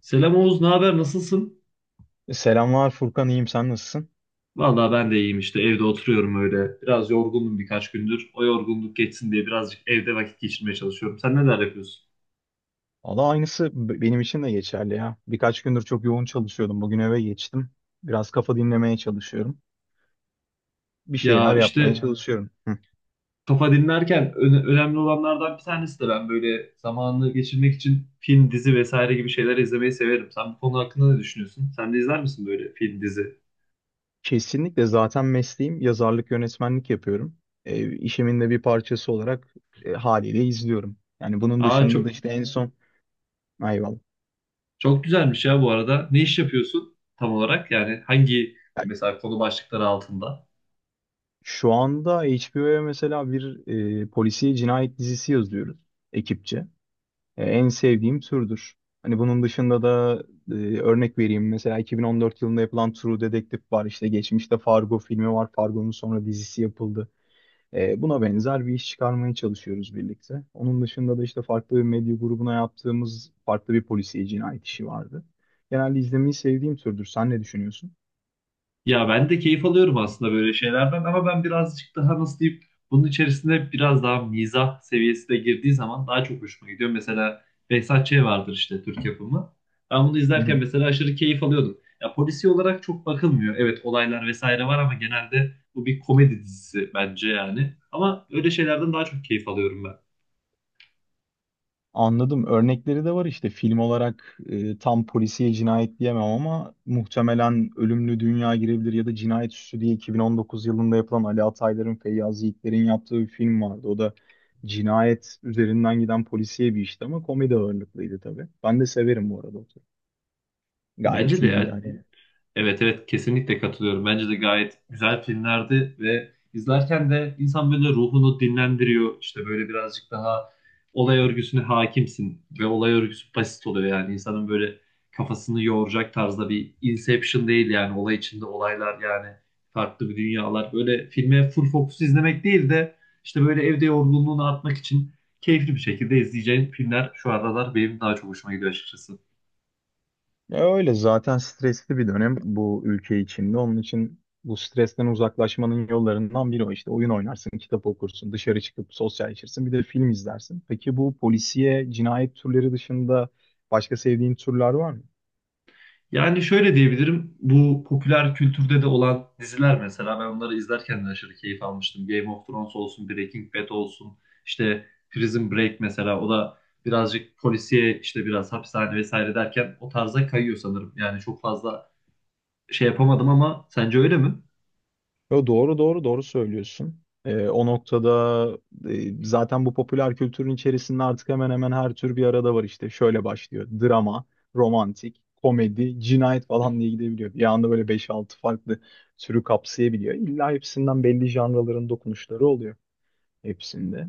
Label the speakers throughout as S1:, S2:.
S1: Selam Oğuz, ne haber? Nasılsın?
S2: Selamlar Furkan, iyiyim. Sen nasılsın?
S1: Vallahi ben de iyiyim işte evde oturuyorum öyle. Biraz yorgundum birkaç gündür. O yorgunluk geçsin diye birazcık evde vakit geçirmeye çalışıyorum. Sen neler yapıyorsun?
S2: Valla aynısı benim için de geçerli ya. Birkaç gündür çok yoğun çalışıyordum. Bugün eve geçtim. Biraz kafa dinlemeye çalışıyorum. Bir
S1: Ya
S2: şeyler yapmaya
S1: işte
S2: çalışıyorum.
S1: kafa dinlerken önemli olanlardan bir tanesi de ben böyle zamanını geçirmek için film, dizi vesaire gibi şeyler izlemeyi severim. Sen bu konu hakkında ne düşünüyorsun? Sen de izler misin böyle film, dizi?
S2: Kesinlikle zaten mesleğim yazarlık, yönetmenlik yapıyorum. İşimin de bir parçası olarak haliyle izliyorum. Yani bunun
S1: Aa
S2: dışında da
S1: çok
S2: işte en son... Eyvallah.
S1: çok güzelmiş ya bu arada. Ne iş yapıyorsun tam olarak? Yani hangi mesela konu başlıkları altında?
S2: Şu anda HBO'ya mesela bir polisiye cinayet dizisi yazıyoruz ekipçe. En sevdiğim türdür. Hani bunun dışında da e, örnek vereyim. Mesela 2014 yılında yapılan True Detective var. İşte geçmişte Fargo filmi var. Fargo'nun sonra dizisi yapıldı. Buna benzer bir iş çıkarmaya çalışıyoruz birlikte. Onun dışında da işte farklı bir medya grubuna yaptığımız farklı bir polisiye cinayet işi vardı. Genelde izlemeyi sevdiğim türdür. Sen ne düşünüyorsun?
S1: Ya ben de keyif alıyorum aslında böyle şeylerden ama ben birazcık daha nasıl diyeyim bunun içerisinde biraz daha mizah seviyesi de girdiği zaman daha çok hoşuma gidiyor. Mesela Behzat Ç. vardır işte Türk yapımı. Ben bunu izlerken mesela aşırı keyif alıyordum. Ya polisi olarak çok bakılmıyor. Evet olaylar vesaire var ama genelde bu bir komedi dizisi bence yani. Ama öyle şeylerden daha çok keyif alıyorum ben.
S2: Anladım. Örnekleri de var işte film olarak tam polisiye cinayet diyemem ama muhtemelen Ölümlü Dünya girebilir ya da Cinayet Süsü diye 2019 yılında yapılan Ali Ataylar'ın, Feyyaz Yiğitler'in yaptığı bir film vardı. O da cinayet üzerinden giden polisiye bir işti ama komedi ağırlıklıydı tabii. Ben de severim bu arada o tür. Gayet
S1: Bence de
S2: iyiydi
S1: ya,
S2: hani.
S1: evet, evet, kesinlikle katılıyorum. Bence de gayet güzel filmlerdi ve izlerken de insan böyle ruhunu dinlendiriyor. İşte böyle birazcık daha olay örgüsüne hakimsin ve olay örgüsü basit oluyor yani insanın böyle kafasını yoğuracak tarzda bir Inception değil yani olay içinde olaylar yani farklı bir dünyalar. Böyle filme full fokus izlemek değil de işte böyle evde yorgunluğunu atmak için keyifli bir şekilde izleyeceğin filmler şu aralar benim daha çok hoşuma gidiyor açıkçası.
S2: Ya öyle zaten stresli bir dönem bu ülke içinde. Onun için bu stresten uzaklaşmanın yollarından biri o işte. Oyun oynarsın, kitap okursun, dışarı çıkıp sosyalleşirsin, bir de film izlersin. Peki bu polisiye, cinayet türleri dışında başka sevdiğin türler var mı?
S1: Yani şöyle diyebilirim. Bu popüler kültürde de olan diziler mesela ben onları izlerken de aşırı keyif almıştım. Game of Thrones olsun, Breaking Bad olsun, işte Prison Break mesela o da birazcık polisiye işte biraz hapishane vesaire derken o tarza kayıyor sanırım. Yani çok fazla şey yapamadım ama sence öyle mi?
S2: Yo, doğru doğru doğru söylüyorsun. O noktada zaten bu popüler kültürün içerisinde artık hemen hemen her tür bir arada var işte. Şöyle başlıyor. Drama, romantik, komedi, cinayet falan diye gidebiliyor. Bir anda böyle beş altı farklı türü kapsayabiliyor. İlla hepsinden belli janraların dokunuşları oluyor hepsinde.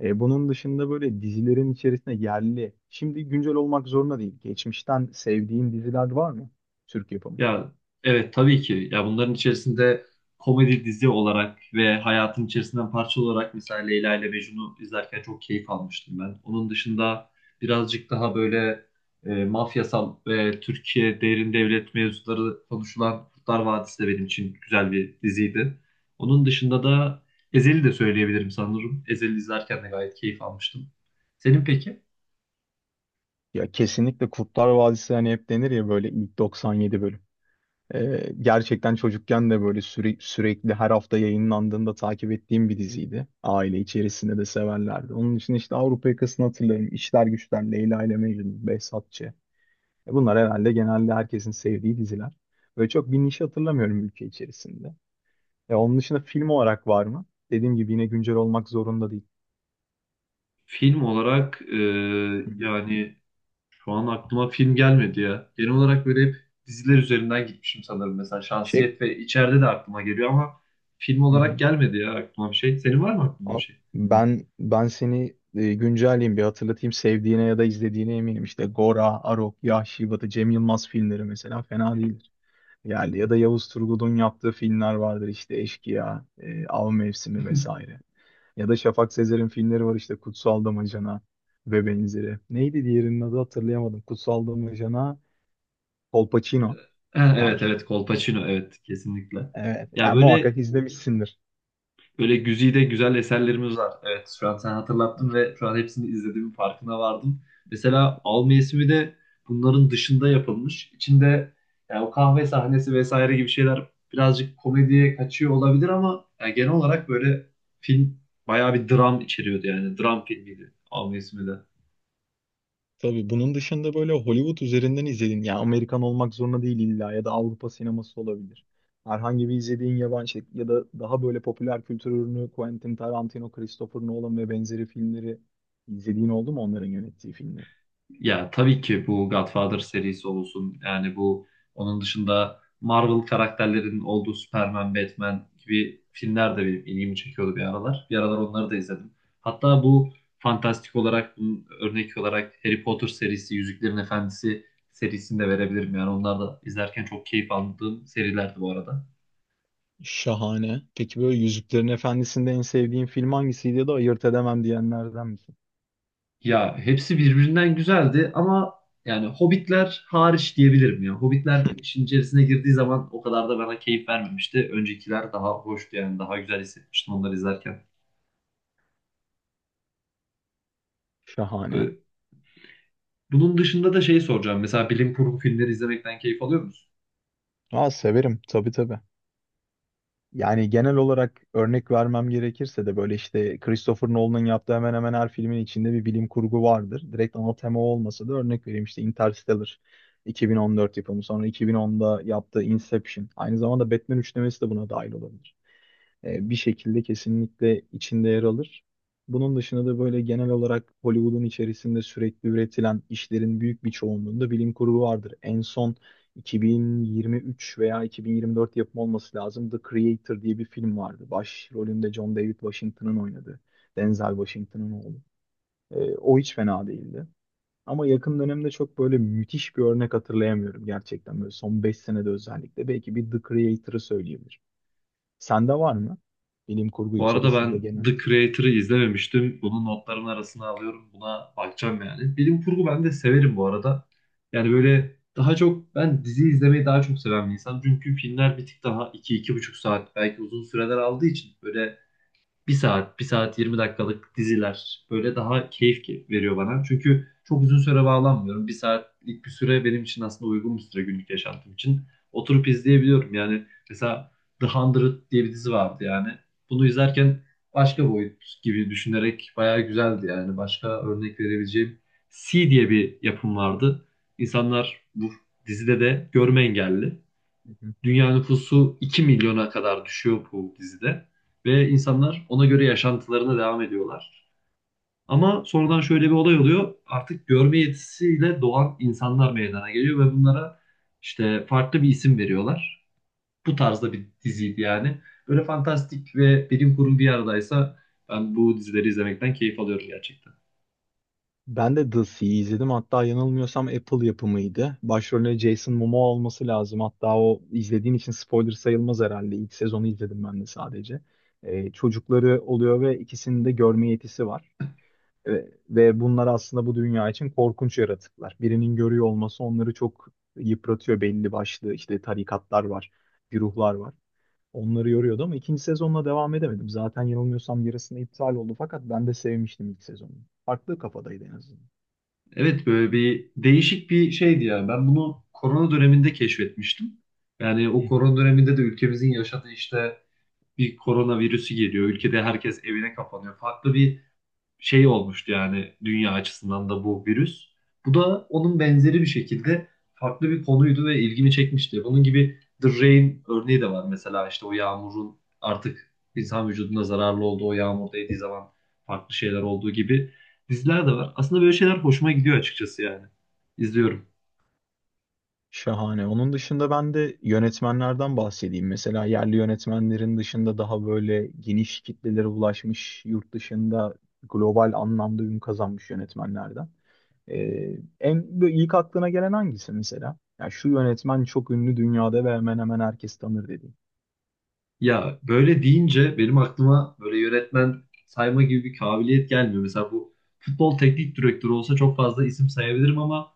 S2: Bunun dışında böyle dizilerin içerisinde yerli, şimdi güncel olmak zorunda değil. Geçmişten sevdiğin diziler var mı? Türk yapımı.
S1: Ya evet tabii ki. Ya bunların içerisinde komedi dizi olarak ve hayatın içerisinden parça olarak mesela Leyla ile Mecnun'u izlerken çok keyif almıştım ben. Onun dışında birazcık daha böyle mafyasal ve Türkiye derin devlet mevzuları konuşulan Kurtlar Vadisi de benim için güzel bir diziydi. Onun dışında da Ezel'i de söyleyebilirim sanırım. Ezel'i izlerken de gayet keyif almıştım. Senin peki?
S2: Ya kesinlikle Kurtlar Vadisi hani hep denir ya böyle ilk 97 bölüm. Gerçekten çocukken de böyle sürekli her hafta yayınlandığında takip ettiğim bir diziydi. Aile içerisinde de severlerdi. Onun için işte Avrupa Yakası'nı hatırlarım. İşler Güçler, Leyla ile Mecnun, Behzatçı. Bunlar herhalde genelde herkesin sevdiği diziler. Böyle çok bir niş hatırlamıyorum ülke içerisinde. Onun dışında film olarak var mı? Dediğim gibi yine güncel olmak zorunda değil.
S1: Film olarak
S2: Hı.
S1: yani şu an aklıma film gelmedi ya. Genel olarak böyle hep diziler üzerinden gitmişim sanırım. Mesela
S2: Şey.
S1: Şansiyet ve içeride de aklıma geliyor ama film
S2: Hı
S1: olarak
S2: hı.
S1: gelmedi ya aklıma bir şey. Senin var mı aklında bir
S2: Ama
S1: şey?
S2: Ben seni güncelleyeyim bir hatırlatayım sevdiğine ya da izlediğine eminim. İşte Gora, Arok, Yahşi Batı, Cem Yılmaz filmleri mesela fena değildir. Yani ya da Yavuz Turgul'un yaptığı filmler vardır işte Eşkıya, Av Mevsimi vesaire. Ya da Şafak Sezer'in filmleri var işte Kutsal Damacana ve benzeri. Neydi diğerinin adı hatırlayamadım. Kutsal Damacana, Kolpaçino
S1: Ha, evet,
S2: var.
S1: evet, Kolpaçino, evet, kesinlikle.
S2: Evet,
S1: Ya
S2: yani muhakkak
S1: böyle
S2: izlemişsindir.
S1: Böyle güzide güzel eserlerimiz var. Evet, şu an sen hatırlattın ve şu an hepsini izlediğimin farkına vardım. Mesela Al mevsimi de bunların dışında yapılmış. İçinde yani o kahve sahnesi vesaire gibi şeyler birazcık komediye kaçıyor olabilir ama yani genel olarak böyle film bayağı bir dram içeriyordu yani. Dram filmiydi Al mevsimi de.
S2: Tabii bunun dışında böyle Hollywood üzerinden izlediğin, yani Amerikan olmak zorunda değil illa ya da Avrupa sineması olabilir. Herhangi bir izlediğin yabancı şey ya da daha böyle popüler kültür ürünü Quentin Tarantino, Christopher Nolan ve benzeri filmleri izlediğin oldu mu onların yönettiği filmleri?
S1: Ya tabii ki bu Godfather serisi olsun. Yani bu onun dışında Marvel karakterlerinin olduğu Superman, Batman gibi filmler de benim ilgimi çekiyordu bir aralar. Bir aralar onları da izledim. Hatta bu fantastik olarak, bunun örnek olarak Harry Potter serisi, Yüzüklerin Efendisi serisini de verebilirim. Yani onlar da izlerken çok keyif aldığım serilerdi bu arada.
S2: Şahane. Peki böyle Yüzüklerin Efendisi'nde en sevdiğin film hangisiydi ya da ayırt edemem diyenlerden misin?
S1: Ya hepsi birbirinden güzeldi ama yani Hobbitler hariç diyebilirim ya. Hobbitler işin içerisine girdiği zaman o kadar da bana keyif vermemişti. Öncekiler daha hoştu yani daha güzel hissetmiştim onları izlerken.
S2: Şahane.
S1: Ee, Bunun dışında da şeyi soracağım. Mesela bilim kurgu filmleri izlemekten keyif alıyor musun?
S2: Aa severim tabii tabii. Yani genel olarak örnek vermem gerekirse de böyle işte Christopher Nolan'ın yaptığı hemen hemen her filmin içinde bir bilim kurgu vardır. Direkt ana tema olmasa da örnek vereyim işte Interstellar 2014 yapımı sonra 2010'da yaptığı Inception. Aynı zamanda Batman üçlemesi de buna dahil olabilir. Bir şekilde kesinlikle içinde yer alır. Bunun dışında da böyle genel olarak Hollywood'un içerisinde sürekli üretilen işlerin büyük bir çoğunluğunda bilim kurgu vardır. En son 2023 veya 2024 yapımı olması lazım. The Creator diye bir film vardı. Başrolünde John David Washington'ın oynadığı. Denzel Washington'ın oğlu. O hiç fena değildi. Ama yakın dönemde çok böyle müthiş bir örnek hatırlayamıyorum gerçekten. Böyle son 5 senede özellikle. Belki bir The Creator'ı söyleyebilirim. Sende var mı? Bilim kurgu
S1: Bu arada
S2: içerisinde
S1: ben The
S2: genelde.
S1: Creator'ı izlememiştim. Bunu notların arasına alıyorum. Buna bakacağım yani. Bilim kurgu ben de severim bu arada. Yani böyle daha çok ben dizi izlemeyi daha çok seven bir insan. Çünkü filmler bir tık daha iki, 2,5 saat belki uzun süreler aldığı için böyle bir saat, bir saat 20 dakikalık diziler böyle daha keyif veriyor bana. Çünkü çok uzun süre bağlanmıyorum. Bir saatlik bir süre benim için aslında uygun bir süre günlük yaşantım için. Oturup izleyebiliyorum. Yani mesela The Hundred diye bir dizi vardı yani. Bunu izlerken başka boyut gibi düşünerek bayağı güzeldi yani. Başka örnek verebileceğim C diye bir yapım vardı. İnsanlar bu dizide de görme engelli.
S2: Hı hı.
S1: Dünya nüfusu 2 milyona kadar düşüyor bu dizide. Ve insanlar ona göre yaşantılarına devam ediyorlar. Ama sonradan şöyle bir olay oluyor. Artık görme yetisiyle doğan insanlar meydana geliyor ve bunlara işte farklı bir isim veriyorlar. Bu tarzda bir diziydi yani. Böyle fantastik ve bilim kurgu bir aradaysa ben bu dizileri izlemekten keyif alıyorum gerçekten.
S2: Ben de The Sea'yi izledim. Hatta yanılmıyorsam Apple yapımıydı. Başrolünde Jason Momoa olması lazım. Hatta o izlediğin için spoiler sayılmaz herhalde. İlk sezonu izledim ben de sadece. Çocukları oluyor ve ikisinin de görme yetisi var. Ve bunlar aslında bu dünya için korkunç yaratıklar. Birinin görüyor olması onları çok yıpratıyor belli başlı. İşte tarikatlar var, güruhlar var. Onları yoruyordu ama ikinci sezonla devam edemedim. Zaten yanılmıyorsam yarısında iptal oldu fakat ben de sevmiştim ilk sezonu. Farklı kafadaydı en azından.
S1: Evet böyle bir değişik bir şeydi yani. Ben bunu korona döneminde keşfetmiştim. Yani
S2: Hı
S1: o
S2: hı,
S1: korona döneminde de ülkemizin yaşadığı işte bir korona virüsü geliyor. Ülkede herkes evine kapanıyor. Farklı bir şey olmuştu yani dünya açısından da bu virüs. Bu da onun benzeri bir şekilde farklı bir konuydu ve ilgimi çekmişti. Bunun gibi The Rain örneği de var mesela işte o yağmurun artık
S2: hı hı.
S1: insan vücuduna zararlı olduğu o yağmur değdiği zaman farklı şeyler olduğu gibi diziler de var. Aslında böyle şeyler hoşuma gidiyor açıkçası yani. İzliyorum.
S2: Şahane. Onun dışında ben de yönetmenlerden bahsedeyim. Mesela yerli yönetmenlerin dışında daha böyle geniş kitlelere ulaşmış, yurt dışında global anlamda ün kazanmış yönetmenlerden. En böyle ilk aklına gelen hangisi mesela? Ya şu yönetmen çok ünlü dünyada ve hemen hemen herkes tanır dediğin.
S1: Ya böyle deyince benim aklıma böyle yönetmen sayma gibi bir kabiliyet gelmiyor. Mesela bu futbol teknik direktörü olsa çok fazla isim sayabilirim ama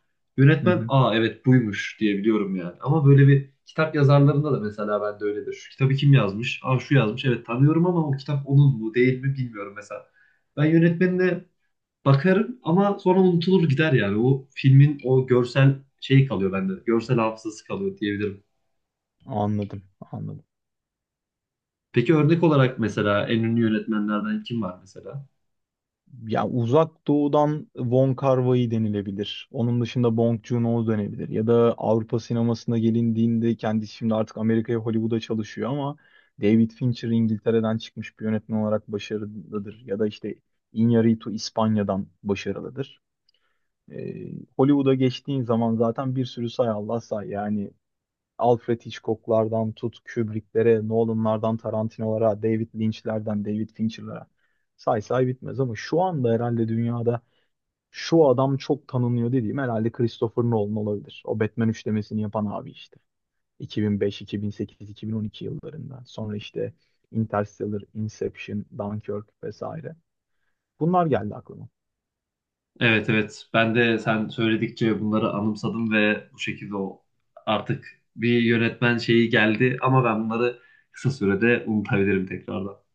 S2: Hı
S1: yönetmen
S2: hı.
S1: aa evet buymuş diyebiliyorum yani. Ama böyle bir kitap yazarlarında da mesela ben de öyledir. Şu kitabı kim yazmış? Aa şu yazmış. Evet tanıyorum ama o kitap onun mu değil mi bilmiyorum mesela. Ben yönetmenine bakarım ama sonra unutulur gider yani. O filmin o görsel şeyi kalıyor bende. Görsel hafızası kalıyor diyebilirim.
S2: Anladım, anladım.
S1: Peki örnek olarak mesela en ünlü yönetmenlerden kim var mesela?
S2: Ya Uzak Doğu'dan Wong Kar-wai denilebilir. Onun dışında Bong Joon-ho denilebilir. Ya da Avrupa sinemasına gelindiğinde kendisi şimdi artık Amerika'ya Hollywood'a çalışıyor ama David Fincher İngiltere'den çıkmış bir yönetmen olarak başarılıdır. Ya da işte Iñárritu İspanya'dan başarılıdır. Hollywood'a geçtiğin zaman zaten bir sürü say Allah say yani Alfred Hitchcock'lardan tut, Kubrick'lere, Nolan'lardan Tarantino'lara, David Lynch'lerden David Fincher'lara say say bitmez ama şu anda herhalde dünyada şu adam çok tanınıyor dediğim herhalde Christopher Nolan olabilir. O Batman üçlemesini yapan abi işte. 2005, 2008, 2012 yıllarında. Sonra işte Interstellar, Inception, Dunkirk vesaire. Bunlar geldi aklıma.
S1: Evet, evet, ben de sen söyledikçe bunları anımsadım ve bu şekilde o artık bir yönetmen şeyi geldi ama ben bunları kısa sürede unutabilirim tekrardan.